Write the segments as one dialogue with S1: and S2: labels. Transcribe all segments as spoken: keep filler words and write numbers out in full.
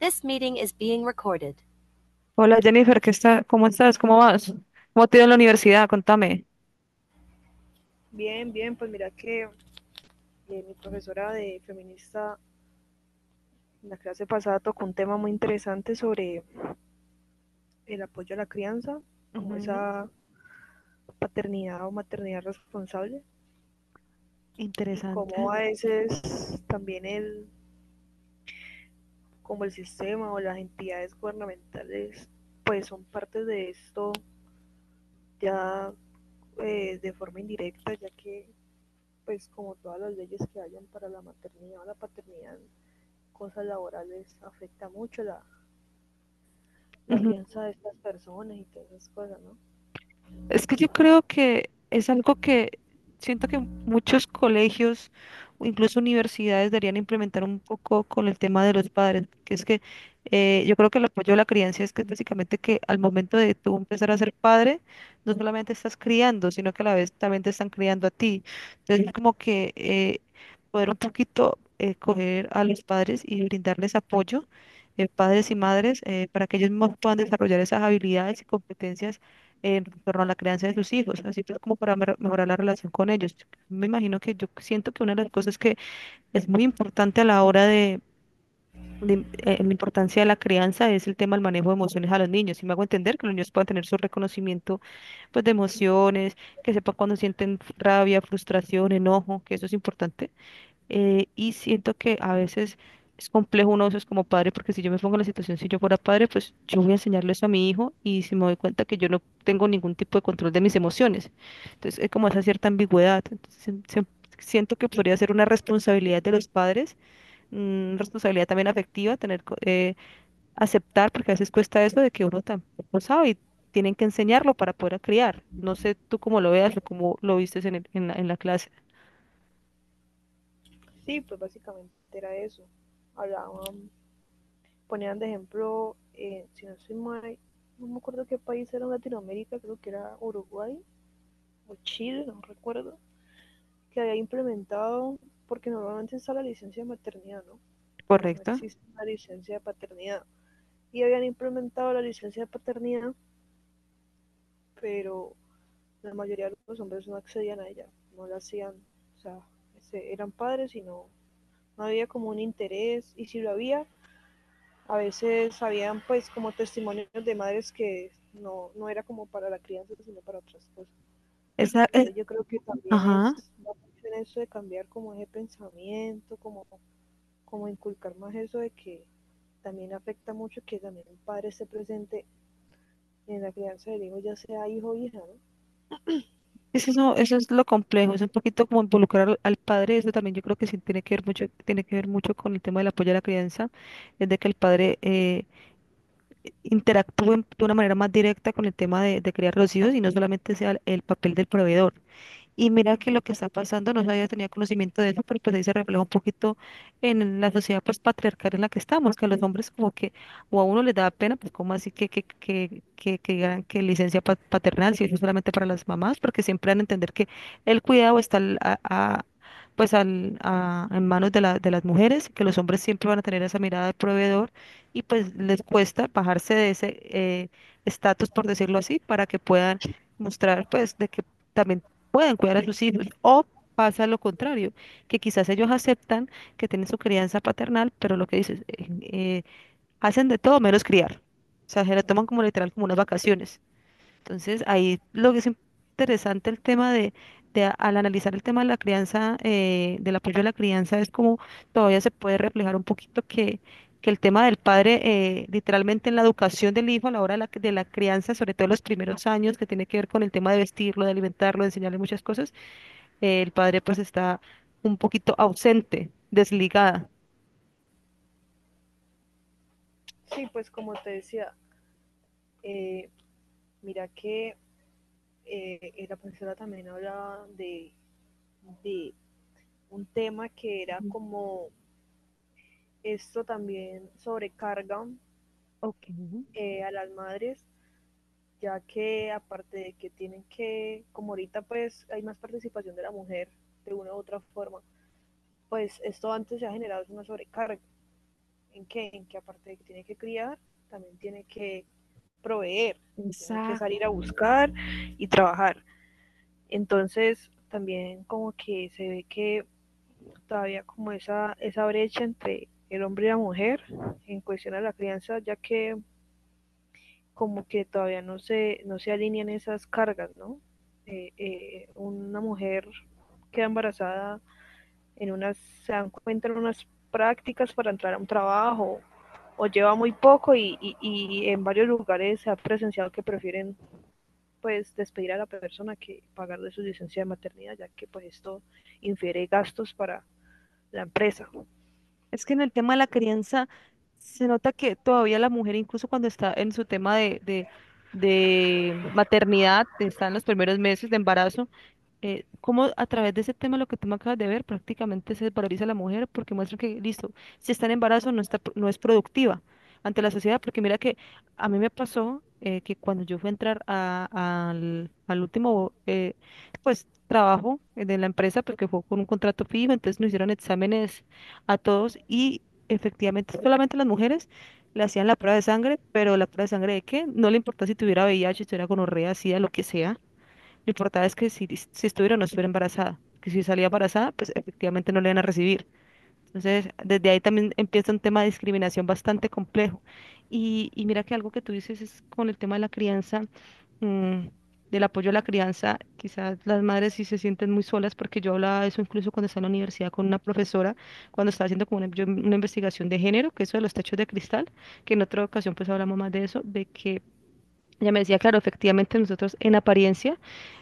S1: This meeting is being recorded.
S2: Hola Jennifer, ¿qué está? ¿Cómo estás? ¿Cómo vas? ¿Cómo te ha ido en la universidad? Contame.
S1: Bien, bien, pues mira que eh, mi profesora de feminista en la clase pasada tocó un tema muy interesante sobre el apoyo a la crianza, como
S2: Ujú.
S1: esa paternidad o maternidad responsable y
S2: Interesante.
S1: cómo a veces también el, como el sistema o las entidades gubernamentales pues son parte de esto ya eh, de forma indirecta, ya que pues como todas las leyes que hayan para la maternidad o la paternidad, cosas laborales, afecta mucho la, la crianza de estas personas y todas esas cosas, ¿no?
S2: Es que yo creo que es algo que siento que muchos colegios o incluso universidades deberían implementar un poco con el tema de los padres, que es que eh, yo creo que el apoyo a la crianza es que básicamente que al momento de tú empezar a ser padre, no solamente estás criando, sino que a la vez también te están criando a ti. Entonces, como que eh, poder un poquito eh, coger a los padres y brindarles apoyo, eh, padres y madres, eh, para que ellos mismos puedan desarrollar esas habilidades y competencias en torno a la crianza de sus hijos, así pues como para mer- mejorar la relación con ellos. Me imagino que yo siento que una de las cosas que es muy importante a la hora de, de, eh, la importancia de la crianza es el tema del manejo de emociones a los niños. Y me hago entender que los niños puedan tener su reconocimiento pues de emociones, que sepan cuando sienten rabia, frustración, enojo, que eso es importante, eh, y siento que a veces es complejo uno de esos como padre, porque si yo me pongo en la situación, si yo fuera padre, pues yo voy a enseñarle eso a mi hijo y si me doy cuenta que yo no tengo ningún tipo de control de mis emociones. Entonces, es como esa cierta ambigüedad. Entonces, se- se- siento que podría ser una responsabilidad de los padres, una responsabilidad también afectiva, tener co- eh, aceptar, porque a veces cuesta eso de que uno tampoco sabe y tienen que enseñarlo para poder criar. No sé tú cómo lo veas o cómo lo vistes en, el- en la, en la clase,
S1: Sí, pues básicamente era eso. Hablaban, ponían de ejemplo, eh, si no soy mal, no me acuerdo qué país era en Latinoamérica, creo que era Uruguay o Chile, no recuerdo, que había implementado, porque normalmente está la licencia de maternidad, ¿no? Pero no
S2: ¿correcto?
S1: existe la licencia de paternidad. Y habían implementado la licencia de paternidad, pero la mayoría de los hombres no accedían a ella, no la hacían, o sea, eran padres y no, no había como un interés, y si lo había, a veces habían pues como testimonios de madres que no, no era como para la crianza, sino para otras cosas.
S2: Esa, es-
S1: Entonces yo creo que también
S2: ajá.
S1: es la mucho eso de cambiar como ese pensamiento, como, como inculcar más eso de que también afecta mucho que también el padre esté presente en la crianza del hijo, ya sea hijo o hija, ¿no?
S2: Es eso, eso es lo complejo, es un poquito como involucrar al, al padre, eso también yo creo que sí tiene que ver mucho, tiene que ver mucho con el tema del apoyo a la crianza, es de que el padre eh, interactúe de una manera más directa con el tema de, de criar los hijos y no solamente sea el papel del proveedor. Y mira que lo que está pasando, no sabía, tenía conocimiento de eso, pero pues ahí se refleja un poquito en la sociedad pues patriarcal en la que estamos, que a los hombres como que, o a uno les da pena, pues como así que, que, que, que, que digan que licencia pa- paternal, si eso es solamente para las mamás, porque siempre van a entender que el cuidado está al- a, a- pues al, a- en manos de, la, de las mujeres, que los hombres siempre van a tener esa mirada de proveedor y pues les cuesta bajarse de ese eh, estatus, por decirlo así, para que puedan mostrar pues de que también puedan cuidar a sus hijos. O pasa lo contrario, que quizás ellos aceptan que tienen su crianza paternal, pero lo que dices, eh, eh, hacen de todo menos criar. O sea, se la toman como literal, como unas vacaciones. Entonces, ahí lo que es interesante el tema de, de a- al analizar el tema de la crianza, eh, del apoyo a la crianza, es como todavía se puede reflejar un poquito que, que el tema del padre, eh, literalmente en la educación del hijo a la hora de la, de la crianza, sobre todo en los primeros años, que tiene que ver con el tema de vestirlo, de alimentarlo, de enseñarle muchas cosas, eh, el padre pues está un poquito ausente, desligada.
S1: Sí, pues como te decía, eh, mira que eh, eh, la profesora también hablaba de, de un tema que era
S2: Ujú.
S1: como esto también sobrecarga
S2: Ok.
S1: eh, a las madres, ya que aparte de que tienen que, como ahorita pues hay más participación de la mujer de una u otra forma, pues esto antes se ha generado una sobrecarga. ¿En qué? En que aparte de que tiene que criar, también tiene que proveer, tiene que salir a buscar y trabajar. Entonces también como que se ve que todavía como esa, esa brecha entre el hombre y la mujer en cuestión a la crianza, ya que como que todavía no se, no se alinean esas cargas, ¿no? Eh, eh, una mujer queda embarazada en unas, se dan cuenta en unas prácticas para entrar a un trabajo o lleva muy poco y, y, y en varios lugares se ha presenciado que prefieren pues despedir a la persona que pagar de su licencia de maternidad, ya que pues esto infiere gastos para la empresa.
S2: Es que en el tema de la crianza se nota que todavía la mujer, incluso cuando está en su tema de, de, de maternidad, está en los primeros meses de embarazo, eh, cómo a través de ese tema, lo que tú me acabas de ver, prácticamente se desvaloriza a la mujer porque muestra que, listo, si está en embarazo no está, pro- no es productiva ante la sociedad, porque mira que a mí me pasó, eh, que cuando yo fui a entrar a- al, al último, eh, pues, trabajo de la empresa, porque fue con un contrato fijo, entonces nos hicieron exámenes a todos y efectivamente solamente las mujeres le hacían la prueba de sangre, pero la prueba de sangre de qué, no le importaba si tuviera V I H, si tuviera gonorrea, SIDA, lo que sea, lo importante es que si, si estuviera o no estuviera embarazada, que si salía embarazada, pues efectivamente no le iban a recibir. Entonces, desde ahí también empieza un tema de discriminación bastante complejo. Y, y mira que algo que tú dices es con el tema de la crianza, mm, del apoyo a la crianza, quizás las madres sí se sienten muy solas, porque yo hablaba de eso incluso cuando estaba en la universidad con una profesora, cuando estaba haciendo como una, yo una investigación de género, que eso de los techos de cristal, que en otra ocasión pues hablamos más de eso, de que ella me decía, claro, efectivamente nosotros en apariencia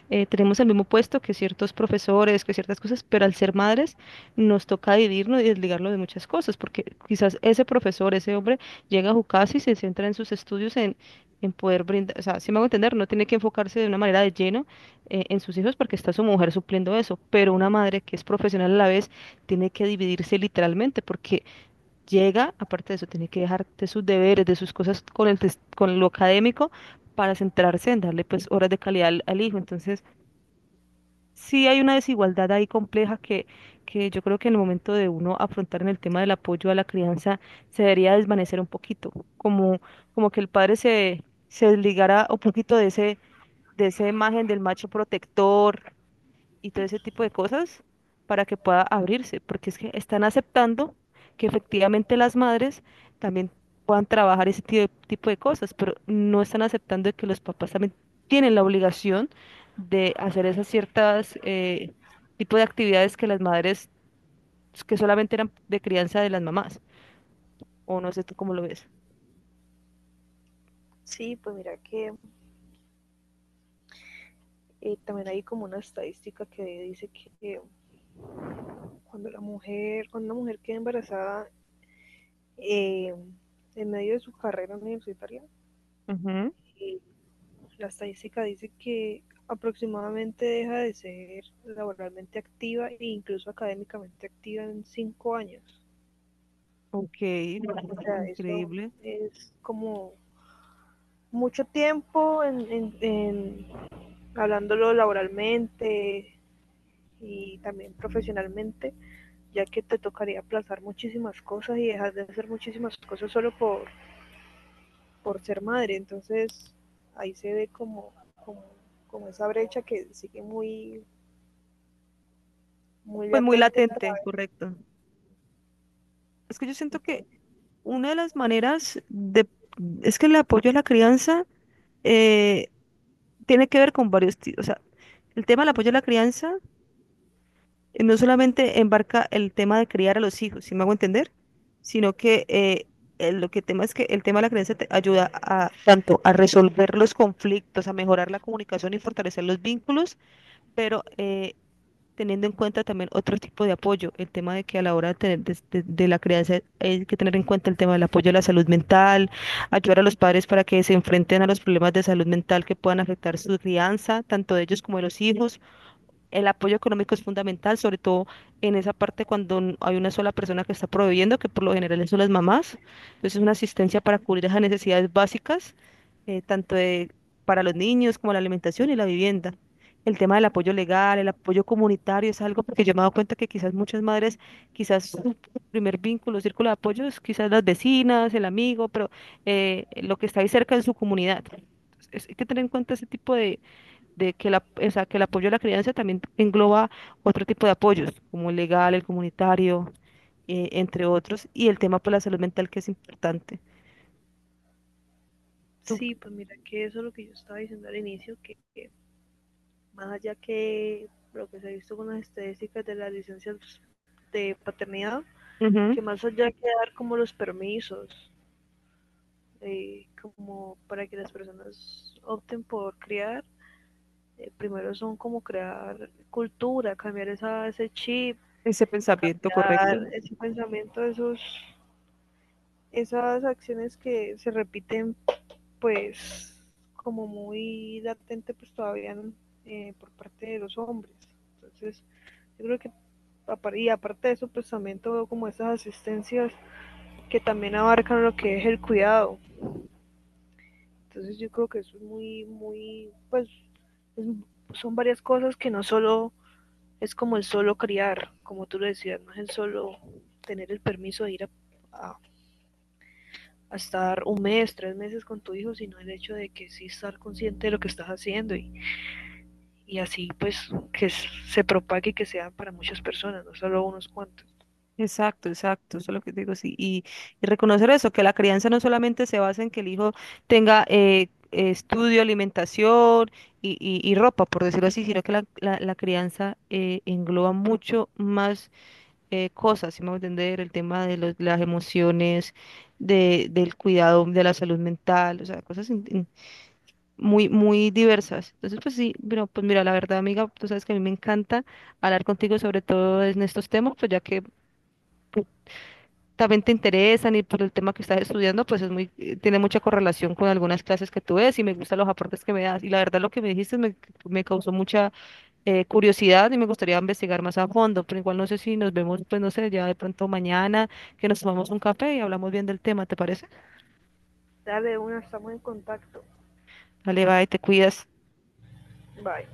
S2: eh, tenemos el mismo puesto que ciertos profesores, que ciertas cosas, pero al ser madres nos toca dividirnos y desligarlo de muchas cosas, porque quizás ese profesor, ese hombre, llega a su casa y se centra en sus estudios, en, en poder brindar, o sea, si me hago entender, no tiene que enfocarse de una manera de lleno, eh, en sus hijos porque está su mujer supliendo eso, pero una madre que es profesional a la vez tiene que dividirse literalmente, porque llega, aparte de eso, tiene que dejar de sus deberes, de sus cosas con el tes- con lo académico para centrarse en darle pues horas de calidad al, al hijo. Entonces, sí hay una desigualdad ahí compleja que, que yo creo que en el momento de uno afrontar en el tema del apoyo a la crianza se debería desvanecer un poquito, como, como que el padre se, se desligara un poquito de ese, de esa imagen del macho protector y todo ese tipo de cosas para que pueda abrirse, porque es que están aceptando que efectivamente las madres también puedan trabajar ese ti- tipo de cosas, pero no están aceptando que los papás también tienen la obligación de hacer esas ciertas eh, tipo de actividades que las madres, que solamente eran de crianza de las mamás, o no sé tú cómo lo ves.
S1: Sí, pues mira que eh, también hay como una estadística que dice que cuando la mujer, cuando una mujer queda embarazada, eh, en medio de su carrera universitaria,
S2: Ujú.
S1: eh, la estadística dice que aproximadamente deja de ser laboralmente activa e incluso académicamente activa en cinco años.
S2: Ok,
S1: O sea, eso
S2: increíble.
S1: es como mucho tiempo en, en, en hablándolo laboralmente y también profesionalmente, ya que te tocaría aplazar muchísimas cosas y dejar de hacer muchísimas cosas solo por, por ser madre. Entonces ahí se ve como, como, como esa brecha que sigue muy, muy
S2: Pues muy
S1: latente.
S2: latente, correcto. Es que yo siento que
S1: Entonces,
S2: una de las maneras de, es que el apoyo a la crianza eh, tiene que ver con varios tipos. O sea, el tema del apoyo a la crianza eh, no solamente embarca el tema de criar a los hijos, si me hago entender, sino que eh, el- lo que tema es que el tema de la crianza te ayuda a tanto a resolver los conflictos, a mejorar la comunicación y fortalecer los vínculos, pero eh, teniendo en cuenta también otro tipo de apoyo, el tema de que a la hora de, tener, des- de, de la crianza hay que tener en cuenta el tema del apoyo a la salud mental, ayudar a los padres para que se enfrenten a los problemas de salud mental que puedan afectar su crianza, tanto de ellos como de los hijos. El apoyo económico es fundamental, sobre todo en esa parte cuando n- hay una sola persona que está proveyendo, que por lo general son las mamás. Entonces, una asistencia para cubrir esas necesidades básicas, eh, tanto de- para los niños como la alimentación y la vivienda. El tema del apoyo legal, el apoyo comunitario es algo porque yo me he dado cuenta que quizás muchas madres, quizás su primer vínculo, círculo de apoyo es quizás las vecinas, el amigo, pero eh, lo que está ahí cerca en su comunidad. Entonces, hay que tener en cuenta ese tipo de de que, la, o sea, que el apoyo a la crianza también engloba otro tipo de apoyos, como el legal, el comunitario, eh, entre otros, y el tema por la salud mental que es importante. Tú,
S1: sí, pues mira que eso es lo que yo estaba diciendo al inicio, que, que más allá que lo que se ha visto con las estadísticas de las licencias de paternidad,
S2: ujú,
S1: que más allá que dar como los permisos, eh, como para que las personas opten por criar, eh, primero son como crear cultura, cambiar esa, ese chip,
S2: ese pensamiento correcto.
S1: cambiar ese pensamiento, esos, esas acciones que se repiten pues como muy latente pues todavía eh, por parte de los hombres. Entonces yo creo que y aparte de eso pues también todo como esas asistencias que también abarcan lo que es el cuidado. Entonces yo creo que eso es muy, muy, pues es, son varias cosas que no solo es como el solo criar, como tú lo decías, no es el solo tener el permiso de ir a, a- a estar un mes, tres meses con tu hijo, sino el hecho de que sí estar consciente de lo que estás haciendo y, y así pues que se propague y que sea para muchas personas, no solo unos cuantos.
S2: Exacto, exacto, eso es lo que digo, sí. Y, y reconocer eso, que la crianza no solamente se basa en que el hijo tenga eh, eh, estudio, alimentación y, y- y ropa, por decirlo así, sino que la, la- la crianza eh, engloba mucho más eh, cosas, si me voy a entender, el tema de los- las emociones, de, del cuidado de la salud mental, o sea, cosas in- in- muy, muy diversas. Entonces, pues sí, pero pues mira, la verdad, amiga, tú sabes que a mí me encanta hablar contigo sobre todo en estos temas, pues ya que también te interesan y por el tema que estás estudiando, pues es muy, eh, tiene mucha correlación con algunas clases que tú ves y me gustan los aportes que me das. Y la verdad, lo que me dijiste me, me causó mucha eh, curiosidad y me gustaría investigar más a fondo, pero igual no sé si nos vemos, pues no sé, ya de pronto mañana, que nos tomamos un café y hablamos bien del tema, ¿te parece?
S1: Dale una, estamos en contacto.
S2: Dale, bye, te cuidas.
S1: Bye.